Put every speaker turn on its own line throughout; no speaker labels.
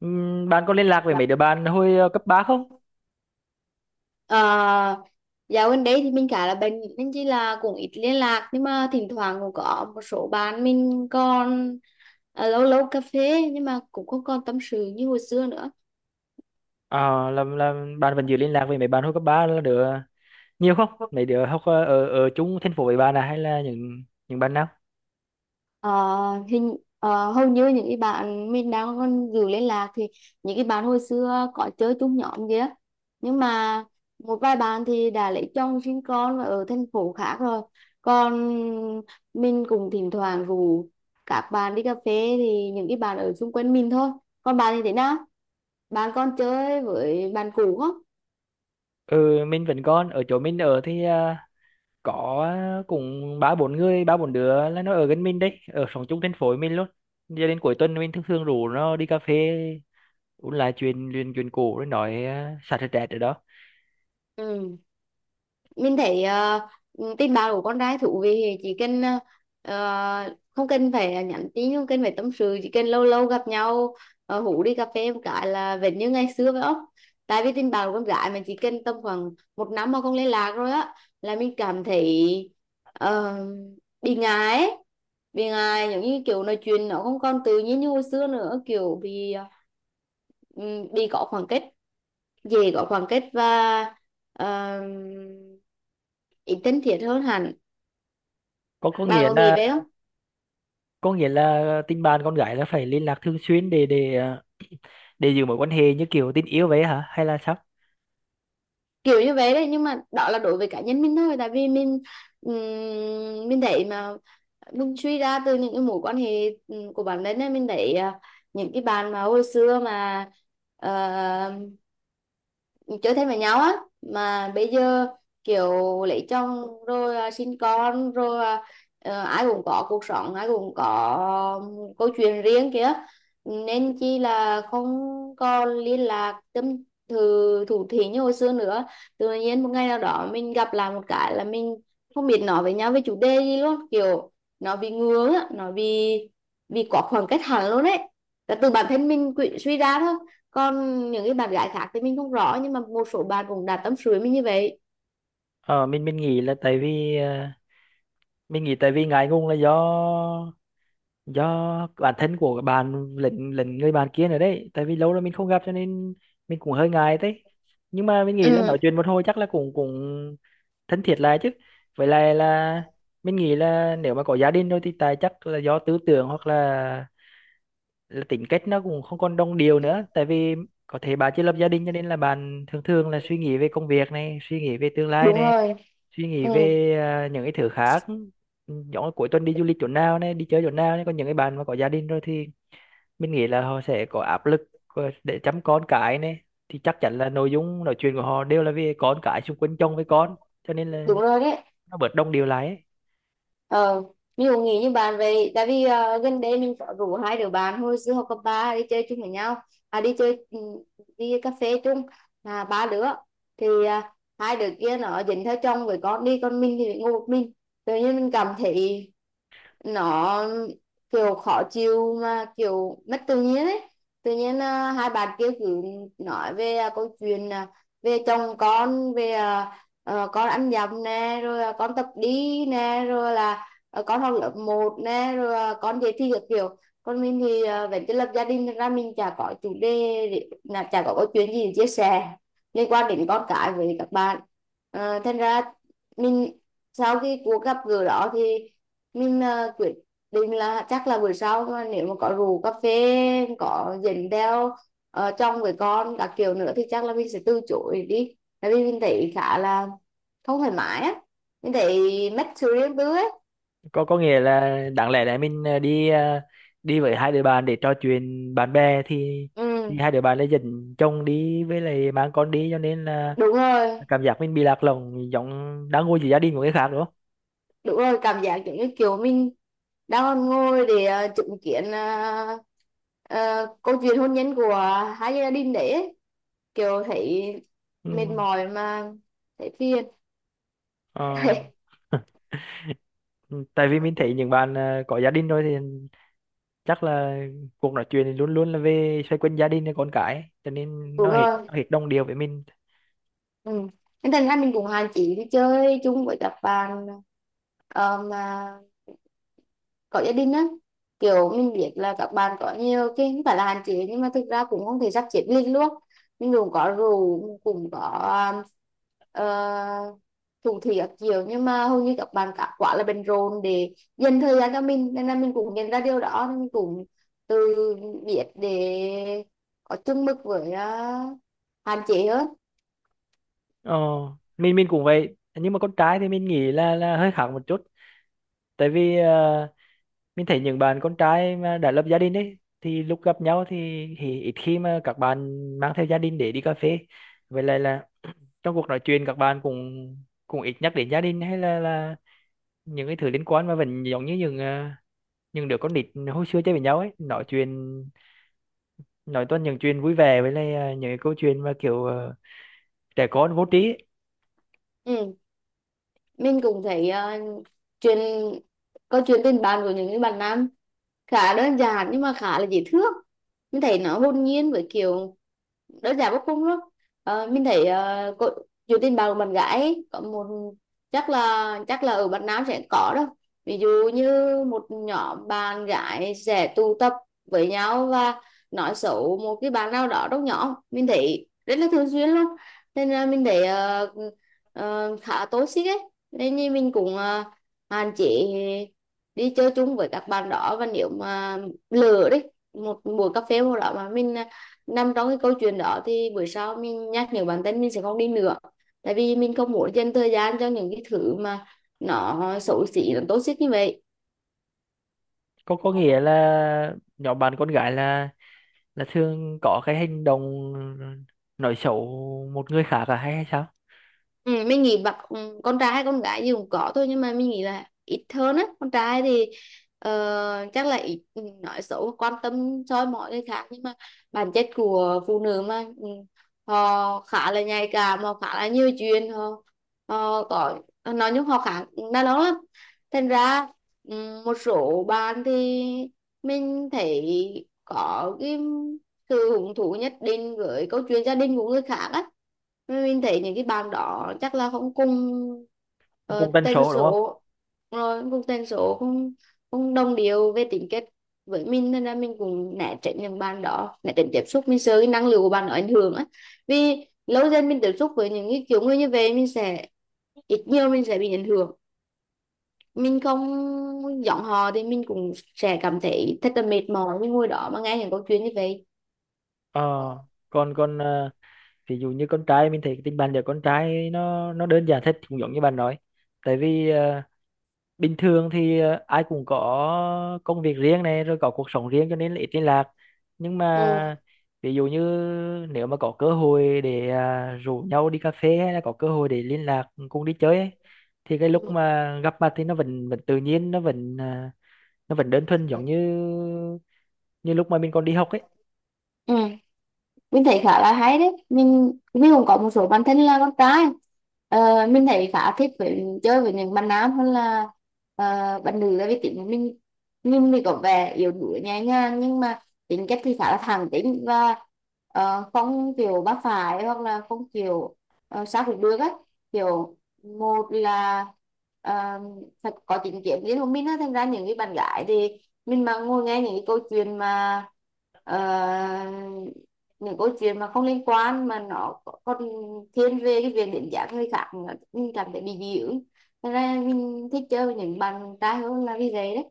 Bạn có liên lạc với mấy đứa bạn hồi cấp 3 không?
Ờ, Dạo gần đây thì mình khá là bận, nên chỉ là cũng ít liên lạc, nhưng mà thỉnh thoảng cũng có một số bạn mình còn lâu lâu cà phê, nhưng mà cũng không còn tâm sự như hồi xưa nữa.
Ờ, là Bạn vẫn giữ liên lạc với mấy bạn hồi cấp 3 là đứa nhiều không? Mấy đứa học ở ở chung thành phố với bạn à hay là những bạn nào?
Ờ, Hầu như những cái bạn mình đang còn giữ liên lạc thì những cái bạn hồi xưa có chơi chung nhóm kia, nhưng mà một vài bạn thì đã lấy chồng sinh con và ở thành phố khác rồi. Còn mình cũng thỉnh thoảng rủ các bạn đi cà phê thì những cái bạn ở xung quanh mình thôi. Còn bạn thì thế nào, bạn còn chơi với bạn cũ không?
Ừ, mình vẫn còn ở chỗ mình ở thì có cũng ba bốn người, ba bốn đứa là nó ở gần mình đấy, ở sống chung thành phố với mình luôn. Giờ đến cuối tuần mình thường thường rủ nó đi cà phê uống lại chuyện chuyện chuyện cũ rồi nói xả stress ở đó.
Ừ, mình thấy tin báo của con trai thú vị thì chỉ cần không cần phải nhắn tin, không cần phải tâm sự, chỉ cần lâu lâu gặp nhau, hú đi cà phê một cái là vẫn như ngày xưa phải không. Tại vì tin báo của con gái mình chỉ cần tầm khoảng một năm mà không liên lạc rồi á là mình cảm thấy ờ, bị ngại ấy. Bị ngại giống như kiểu nói chuyện nó không còn tự nhiên như hồi xưa nữa, kiểu bị bị có khoảng cách, dễ có khoảng cách và uh, ít thân thiết hơn hẳn.
Có
Bà
nghĩa
có nghĩ
là
vậy không?
có nghĩa là tình bạn con gái là phải liên lạc thường xuyên để để giữ mối quan hệ như kiểu tình yêu vậy hả hay là sao?
Kiểu như vậy đấy, nhưng mà đó là đối với cá nhân mình thôi. Tại vì mình thấy mà mình suy ra từ những cái mối quan hệ của bản thân ấy, mình thấy những cái bạn mà hồi xưa mà uh, chơi thân với nhau á, mà bây giờ kiểu lấy chồng rồi à, sinh con rồi à, ai cũng có cuộc sống, ai cũng có câu chuyện riêng kìa, nên chi là không còn liên lạc tâm thư thủ thỉ như hồi xưa nữa. Tự nhiên một ngày nào đó mình gặp lại một cái là mình không biết nói với nhau về chủ đề gì luôn, kiểu nó bị ngướng á, nó bị quá khoảng cách hẳn luôn đấy, là từ bản thân mình suy ra thôi. Còn những cái bạn gái khác thì mình không rõ, nhưng mà một số bạn cũng đã tâm sự với mình như vậy.
Ờ mình nghĩ là tại vì mình nghĩ tại vì ngại ngùng là do bản thân của bạn lẫn lẫn người bạn kia nữa đấy, tại vì lâu rồi mình không gặp cho nên mình cũng hơi ngại đấy. Nhưng mà mình nghĩ là nói
Ừ,
chuyện một hồi chắc là cũng cũng thân thiết lại chứ. Với lại là mình nghĩ là nếu mà có gia đình rồi thì tại chắc là do tư tưởng hoặc là tính cách nó cũng không còn đồng điệu nữa, tại vì có thể bà chưa lập gia đình cho nên là bạn thường thường là suy nghĩ về công việc này, suy nghĩ về tương lai
đúng
này,
rồi.
suy nghĩ
Ừ,
về những cái thứ khác. Ừ, giống như cuối tuần đi du lịch chỗ nào này, đi chơi chỗ nào này. Còn những cái bạn mà có gia đình rồi thì mình nghĩ là họ sẽ có áp lực của- để chăm con cái này, thì chắc chắn là nội dung nói chuyện của họ đều là về con cái, xung quanh chồng với con, cho nên là
đúng rồi đấy.
nó bớt đồng điệu lại ấy.
Ờ, mình cũng nghĩ như bạn vậy. Tại vì gần đây mình có rủ hai đứa bạn hồi xưa học cấp ba đi chơi chung với nhau, à đi chơi, đi cà phê chung, là ba đứa. Thì hai đứa kia nó dính theo chồng với con đi, còn mình thì ngồi một mình. Tự nhiên mình cảm thấy nó kiểu khó chịu, mà kiểu mất tự nhiên ấy. Tự nhiên hai bạn kia cứ nói về câu chuyện về chồng con, về con ăn dặm nè, rồi à, con tập đi nè, rồi là ờ, con học lớp một nè, rồi à, con dạy thi các kiểu. Còn mình thì vẫn chưa lập gia đình, thật ra mình chả có chủ đề là chả có câu chuyện gì để chia sẻ liên quan đến con cái với các bạn. Ờ, thành ra mình sau cái cuộc gặp gỡ đó thì mình quyết định là chắc là buổi sau mà nếu mà có rượu cà phê có dẫn theo chồng với con các kiểu nữa thì chắc là mình sẽ từ chối đi. Tại vì mình thấy khá là không thoải mái á, mình thấy mất sự riêng tư ấy.
Có nghĩa là đáng lẽ là mình đi đi với hai đứa bạn để trò chuyện bạn bè thì
Ừ,
hai đứa bạn lại dẫn chồng đi với lại mang con đi, cho nên là
đúng rồi.
cảm giác mình bị lạc lõng giống đang ngồi giữa gia đình của người khác đúng không?
Đúng rồi, cảm giác giống như kiểu mình đang còn ngồi để chứng kiến câu chuyện hôn nhân của hai gia đình đấy ấy. Kiểu thấy mệt
Ừ.
mỏi, mà thấy phiền.
Ờ. Ừ, tại vì mình thấy những bạn có gia đình rồi thì chắc là cuộc nói chuyện thì luôn luôn là về xoay quanh gia đình và con cái ấy, cho nên
Đúng rồi.
nó hết đồng điệu với mình.
Ừ. Nên thành ra mình cũng hạn chế đi chơi chung với các bạn mà có gia đình á. Kiểu mình biết là các bạn có nhiều cái không phải là hạn chế, nhưng mà thực ra cũng không thể sắp xếp liền luôn. Mình cũng có rượu, cũng có uh, thủ thị các kiểu, nhưng mà hầu như các bạn cả quá là bận rộn để dành thời gian cho mình, nên là mình cũng nhận ra điều đó, nên mình cũng tự biết để có chung mực với, hạn chế hơn.
Ờ, mình cũng vậy, nhưng mà con trai thì mình nghĩ là hơi khác một chút, tại vì mình thấy những bạn con trai mà đã lập gia đình ấy thì lúc gặp nhau thì ít khi mà các bạn mang theo gia đình để đi cà phê. Vậy là trong cuộc nói chuyện các bạn cũng cũng ít nhắc đến gia đình hay là những cái thứ liên quan, mà vẫn giống như những những đứa con nít hồi xưa chơi với nhau ấy, nói chuyện, nói toàn những chuyện vui vẻ với lại những cái câu chuyện mà kiểu trẻ con vô trí ấy.
Ừ, mình cũng thấy ờ, chuyện câu chuyện tình bạn của những cái bạn nam khá đơn giản, nhưng mà khá là dễ thương. Mình thấy nó hồn nhiên với kiểu đơn giản vô cùng luôn. Ờ, mình thấy dù tin bạn của bạn gái ấy, có một, chắc là ở Việt Nam sẽ có đâu, ví dụ như một nhóm bạn gái sẽ tụ tập với nhau và nói xấu một cái bạn nào đó trong nhóm, mình thấy rất là thường xuyên luôn. Nên là mình thấy khá toxic ấy, nên như mình cũng hạn chế đi chơi chung với các bạn đó, và nếu mà lỡ đấy một buổi cà phê một đó mà mình nằm trong cái câu chuyện đó thì buổi sau mình nhắc nhở bản thân mình sẽ không đi nữa. Tại vì mình không muốn dành thời gian cho những cái thứ mà nó xấu xí, nó toxic như vậy.
Có nghĩa là nhóm bạn con gái là thường có cái hành động ờ, nói xấu một người khác à hay hay sao?
Ừ, mình nghĩ bạn con trai hay con gái gì cũng có thôi, nhưng mà mình nghĩ là ít hơn á. Con trai thì chắc là ít nói xấu, quan tâm soi mói người khác. Nhưng mà bản chất của phụ nữ mà họ khá là nhạy cảm, họ khá là nhiều chuyện, họ có, nói chung họ khá đa đó lắm. Thành ra một số bạn thì mình thấy có cái sự hứng thú nhất định với câu chuyện gia đình của người khác á. Mình thấy những cái bạn đó chắc là không cùng
cũng cũng tần
tần
số đúng không?
số, rồi không cùng tên số, không không đồng điệu về tính cách với mình, nên là mình cũng né tránh những bạn đó, né tránh tiếp xúc, mình sợ cái năng lượng của bạn đó ảnh hưởng á. Vì lâu dần mình tiếp xúc với những cái kiểu người như vậy mình sẽ ít nhiều mình sẽ bị ảnh hưởng. Mình không giọng hò thì mình cũng sẽ cảm thấy thật là mệt mỏi với ngôi đó mà nghe những câu chuyện như vậy.
Ờ, còn còn ờ, ví dụ như con trai mình thấy cái tình bạn giữa con trai nó đơn giản thật, cũng giống như bạn nói, tại vì bình thường thì ai cũng có công việc riêng này, rồi có cuộc sống riêng cho nên là ít liên lạc. Nhưng
Ừ.
mà ví dụ như nếu mà có cơ hội để rủ nhau đi cà phê hay là có cơ hội để liên lạc cùng đi chơi ấy, thì cái lúc
Ừ.
mà gặp mặt thì nó vẫn vẫn tự nhiên, nó vẫn nó vẫn đơn thuần giống như như lúc mà mình còn đi học ấy.
Ừ, mình thấy khá là hay đấy, mình cũng có một số bạn thân là con trai. Ờ, mình thấy khá thích với chơi với những bạn nam hơn là ờ, bạn nữ. Tại vì tính của mình thì có vẻ yếu đuối nhẹ nhàng, nhưng mà tính cách thì khá là thẳng tính và không kiểu bác phải, hoặc là không kiểu sao cũng được á. Kiểu một là ờ, phải có chính kiến riêng của mình á. Thành ra những cái bạn gái thì mình mà ngồi nghe những cái câu chuyện mà ờ, những câu chuyện mà không liên quan, mà nó còn thiên về cái việc đến giảm người khác nữa, mình cảm thấy bị dị ứng. Thế nên là mình thích chơi với những bạn trai hơn là vì vậy đấy.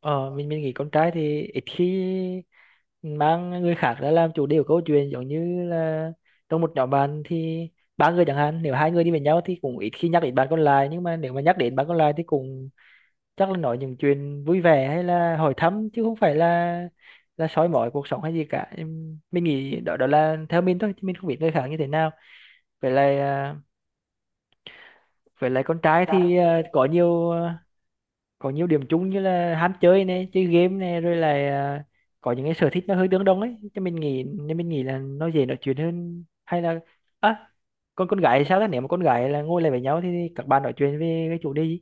Ờ, mình nghĩ con trai thì ít khi mang người khác ra làm chủ đề của câu chuyện, giống như là trong một nhóm bạn thì ba người chẳng hạn, nếu hai người đi với nhau thì cũng ít khi nhắc đến bạn còn lại, nhưng mà nếu mà nhắc đến bạn còn lại thì cũng chắc là nói những chuyện vui vẻ hay là hỏi thăm chứ không phải là soi mói cuộc sống hay gì cả. Mình nghĩ đó đó là theo mình thôi chứ mình không biết người khác như thế nào. vậy là à, vậy là con trai thì có nhiều điểm chung như là ham chơi này, chơi game này, rồi là có những cái sở thích nó hơi tương đồng ấy, cho mình nghĩ nên mình nghĩ là nó dễ nói chuyện hơn. Hay là à, con gái thì sao đó, nếu mà con gái là ngồi lại với nhau thì các bạn nói chuyện về cái chủ đề gì?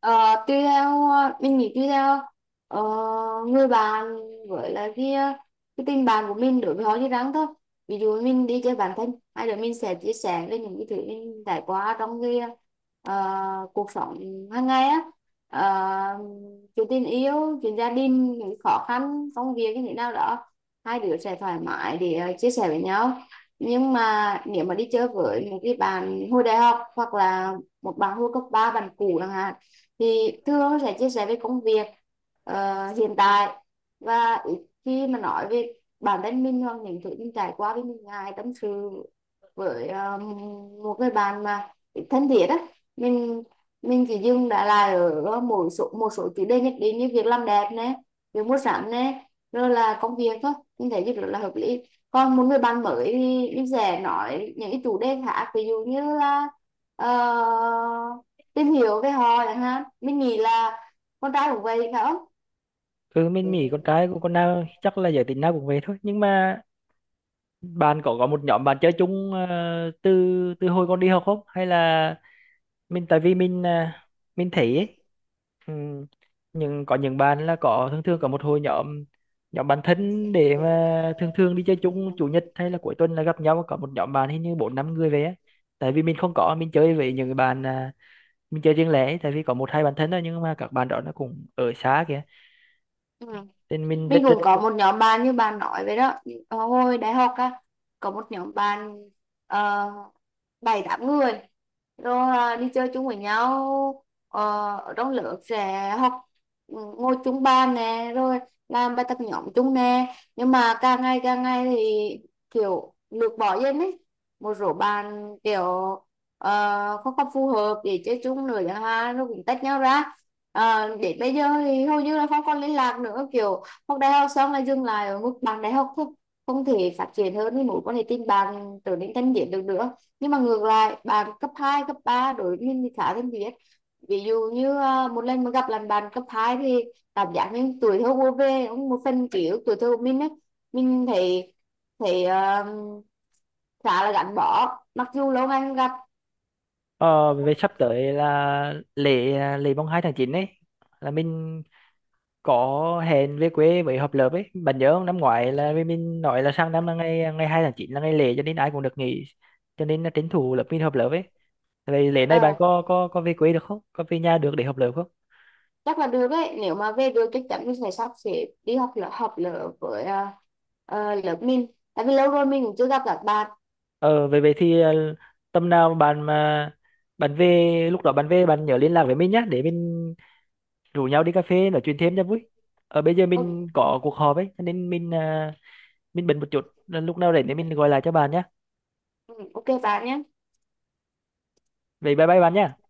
Ờ, mình nghĩ tuy theo ờ, người bạn với là cái tình bạn của mình đối với họ như rắn thôi. Ví dụ mình đi chơi bản thân hai đứa, mình sẽ chia sẻ về những cái thứ mình trải qua trong cái cuộc sống hàng ngày á. Ờ, chuyện tình yêu, chuyện gia đình, những khó khăn công việc như thế nào đó, hai đứa sẽ thoải mái để chia sẻ với nhau. Nhưng mà nếu mà đi chơi với một cái bạn hồi đại học, hoặc là một bạn hồi cấp ba, bạn cũ chẳng hạn, thì thường sẽ chia sẻ về công việc hiện tại, và ít khi mà nói về bản thân mình hoặc những thứ mình trải qua. Với mình ngại tâm sự với một người bạn mà ít thân thiết á. mình mình chỉ dừng đã lại ở một số chủ đề nhất định, như việc làm đẹp nè, việc mua sắm nè, rồi là công việc thôi. Mình thấy rất là hợp lý. Còn một người bạn mới thì mình sẽ nói những cái chủ đề khác, ví dụ như là ờ, tìm hiểu về họ chẳng hạn. Mình nghĩ là con trai cũng vậy phải không.
Ừ, mình nghĩ con trai của con nào chắc là giới tính nào cũng về thôi, nhưng mà bạn có một nhóm bạn chơi chung ờ, từ từ hồi con đi học không, hay là mình tại vì mình mình thấy ấy, ừ, nhưng có những bạn là có thường thường có một hội nhóm, nhóm bạn thân để mà thường thường đi chơi chung chủ nhật hay là cuối tuần là gặp nhau, có một nhóm bạn hình như bốn năm người về á. Tại vì mình không có, mình chơi với những cái bạn mình chơi riêng lẻ ấy, tại vì có một hai bạn thân thôi nhưng mà các bạn đó nó cũng ở xa kìa,
Ừ.
nên mình rất
Mình
rất
cũng có một nhóm bạn như bạn nói vậy đó. Ờ, hồi đại học á có một nhóm bạn ờ, bảy tám người, rồi à, đi chơi chung với nhau. Ờ, ở trong lớp sẽ học, ừ, ngồi chung bàn nè, rồi làm bài tập nhóm chung nè. Nhưng mà càng ngày thì kiểu lược bỏ dần ấy. Một số bạn kiểu không còn phù hợp để chơi chung nữa chẳng hạn, rồi cũng tách nhau ra. Ờ, để bây giờ thì hầu như là không còn liên lạc nữa. Kiểu học đại học xong là dừng lại ở mức bằng đại học thôi, không thể phát triển hơn thì mối quan hệ tình bạn trở nên thân thiết được nữa. Nhưng mà ngược lại, bạn cấp 2 cấp 3 đối với mình thì khá thân thiết. Ví dụ như một lần mà gặp lại bạn cấp 2 thì cảm giác như tuổi thơ vô về, cũng một phần ký ức tuổi thơ của mình ấy. Mình thấy thấy à, khá là gắn bó mặc dù lâu ngày không gặp.
ờ, về sắp tới là lễ lễ mùng 2 tháng 9 ấy, là mình có hẹn về quê với hợp lớp ấy, bạn nhớ không, năm ngoái là vì mình nói là sang năm là ngày ngày 2 tháng 9 là ngày lễ cho nên ai cũng được nghỉ, cho nên là tranh thủ lớp mình hợp lớp ấy. Vậy lễ này bạn
Ờ,
có về quê được không, có về nhà được để hợp lớp không?
chắc là được đấy, nếu mà về được chắc chắn mình sẽ sắp xếp đi học lớp với lớp mình. Tại vì lâu rồi mình cũng chưa gặp các bạn.
Ờ vậy vậy thì tầm nào bạn mà bạn về, lúc đó bạn về bạn nhớ liên lạc với mình nhá để mình rủ nhau đi cà phê nói chuyện thêm cho vui. Ờ bây giờ mình
OK.
có cuộc họp ấy cho nên mình bận một chút, lúc nào rảnh thì mình gọi lại cho bạn nhá.
Ừ, OK bạn nhé.
Vậy bye bye bạn nhá.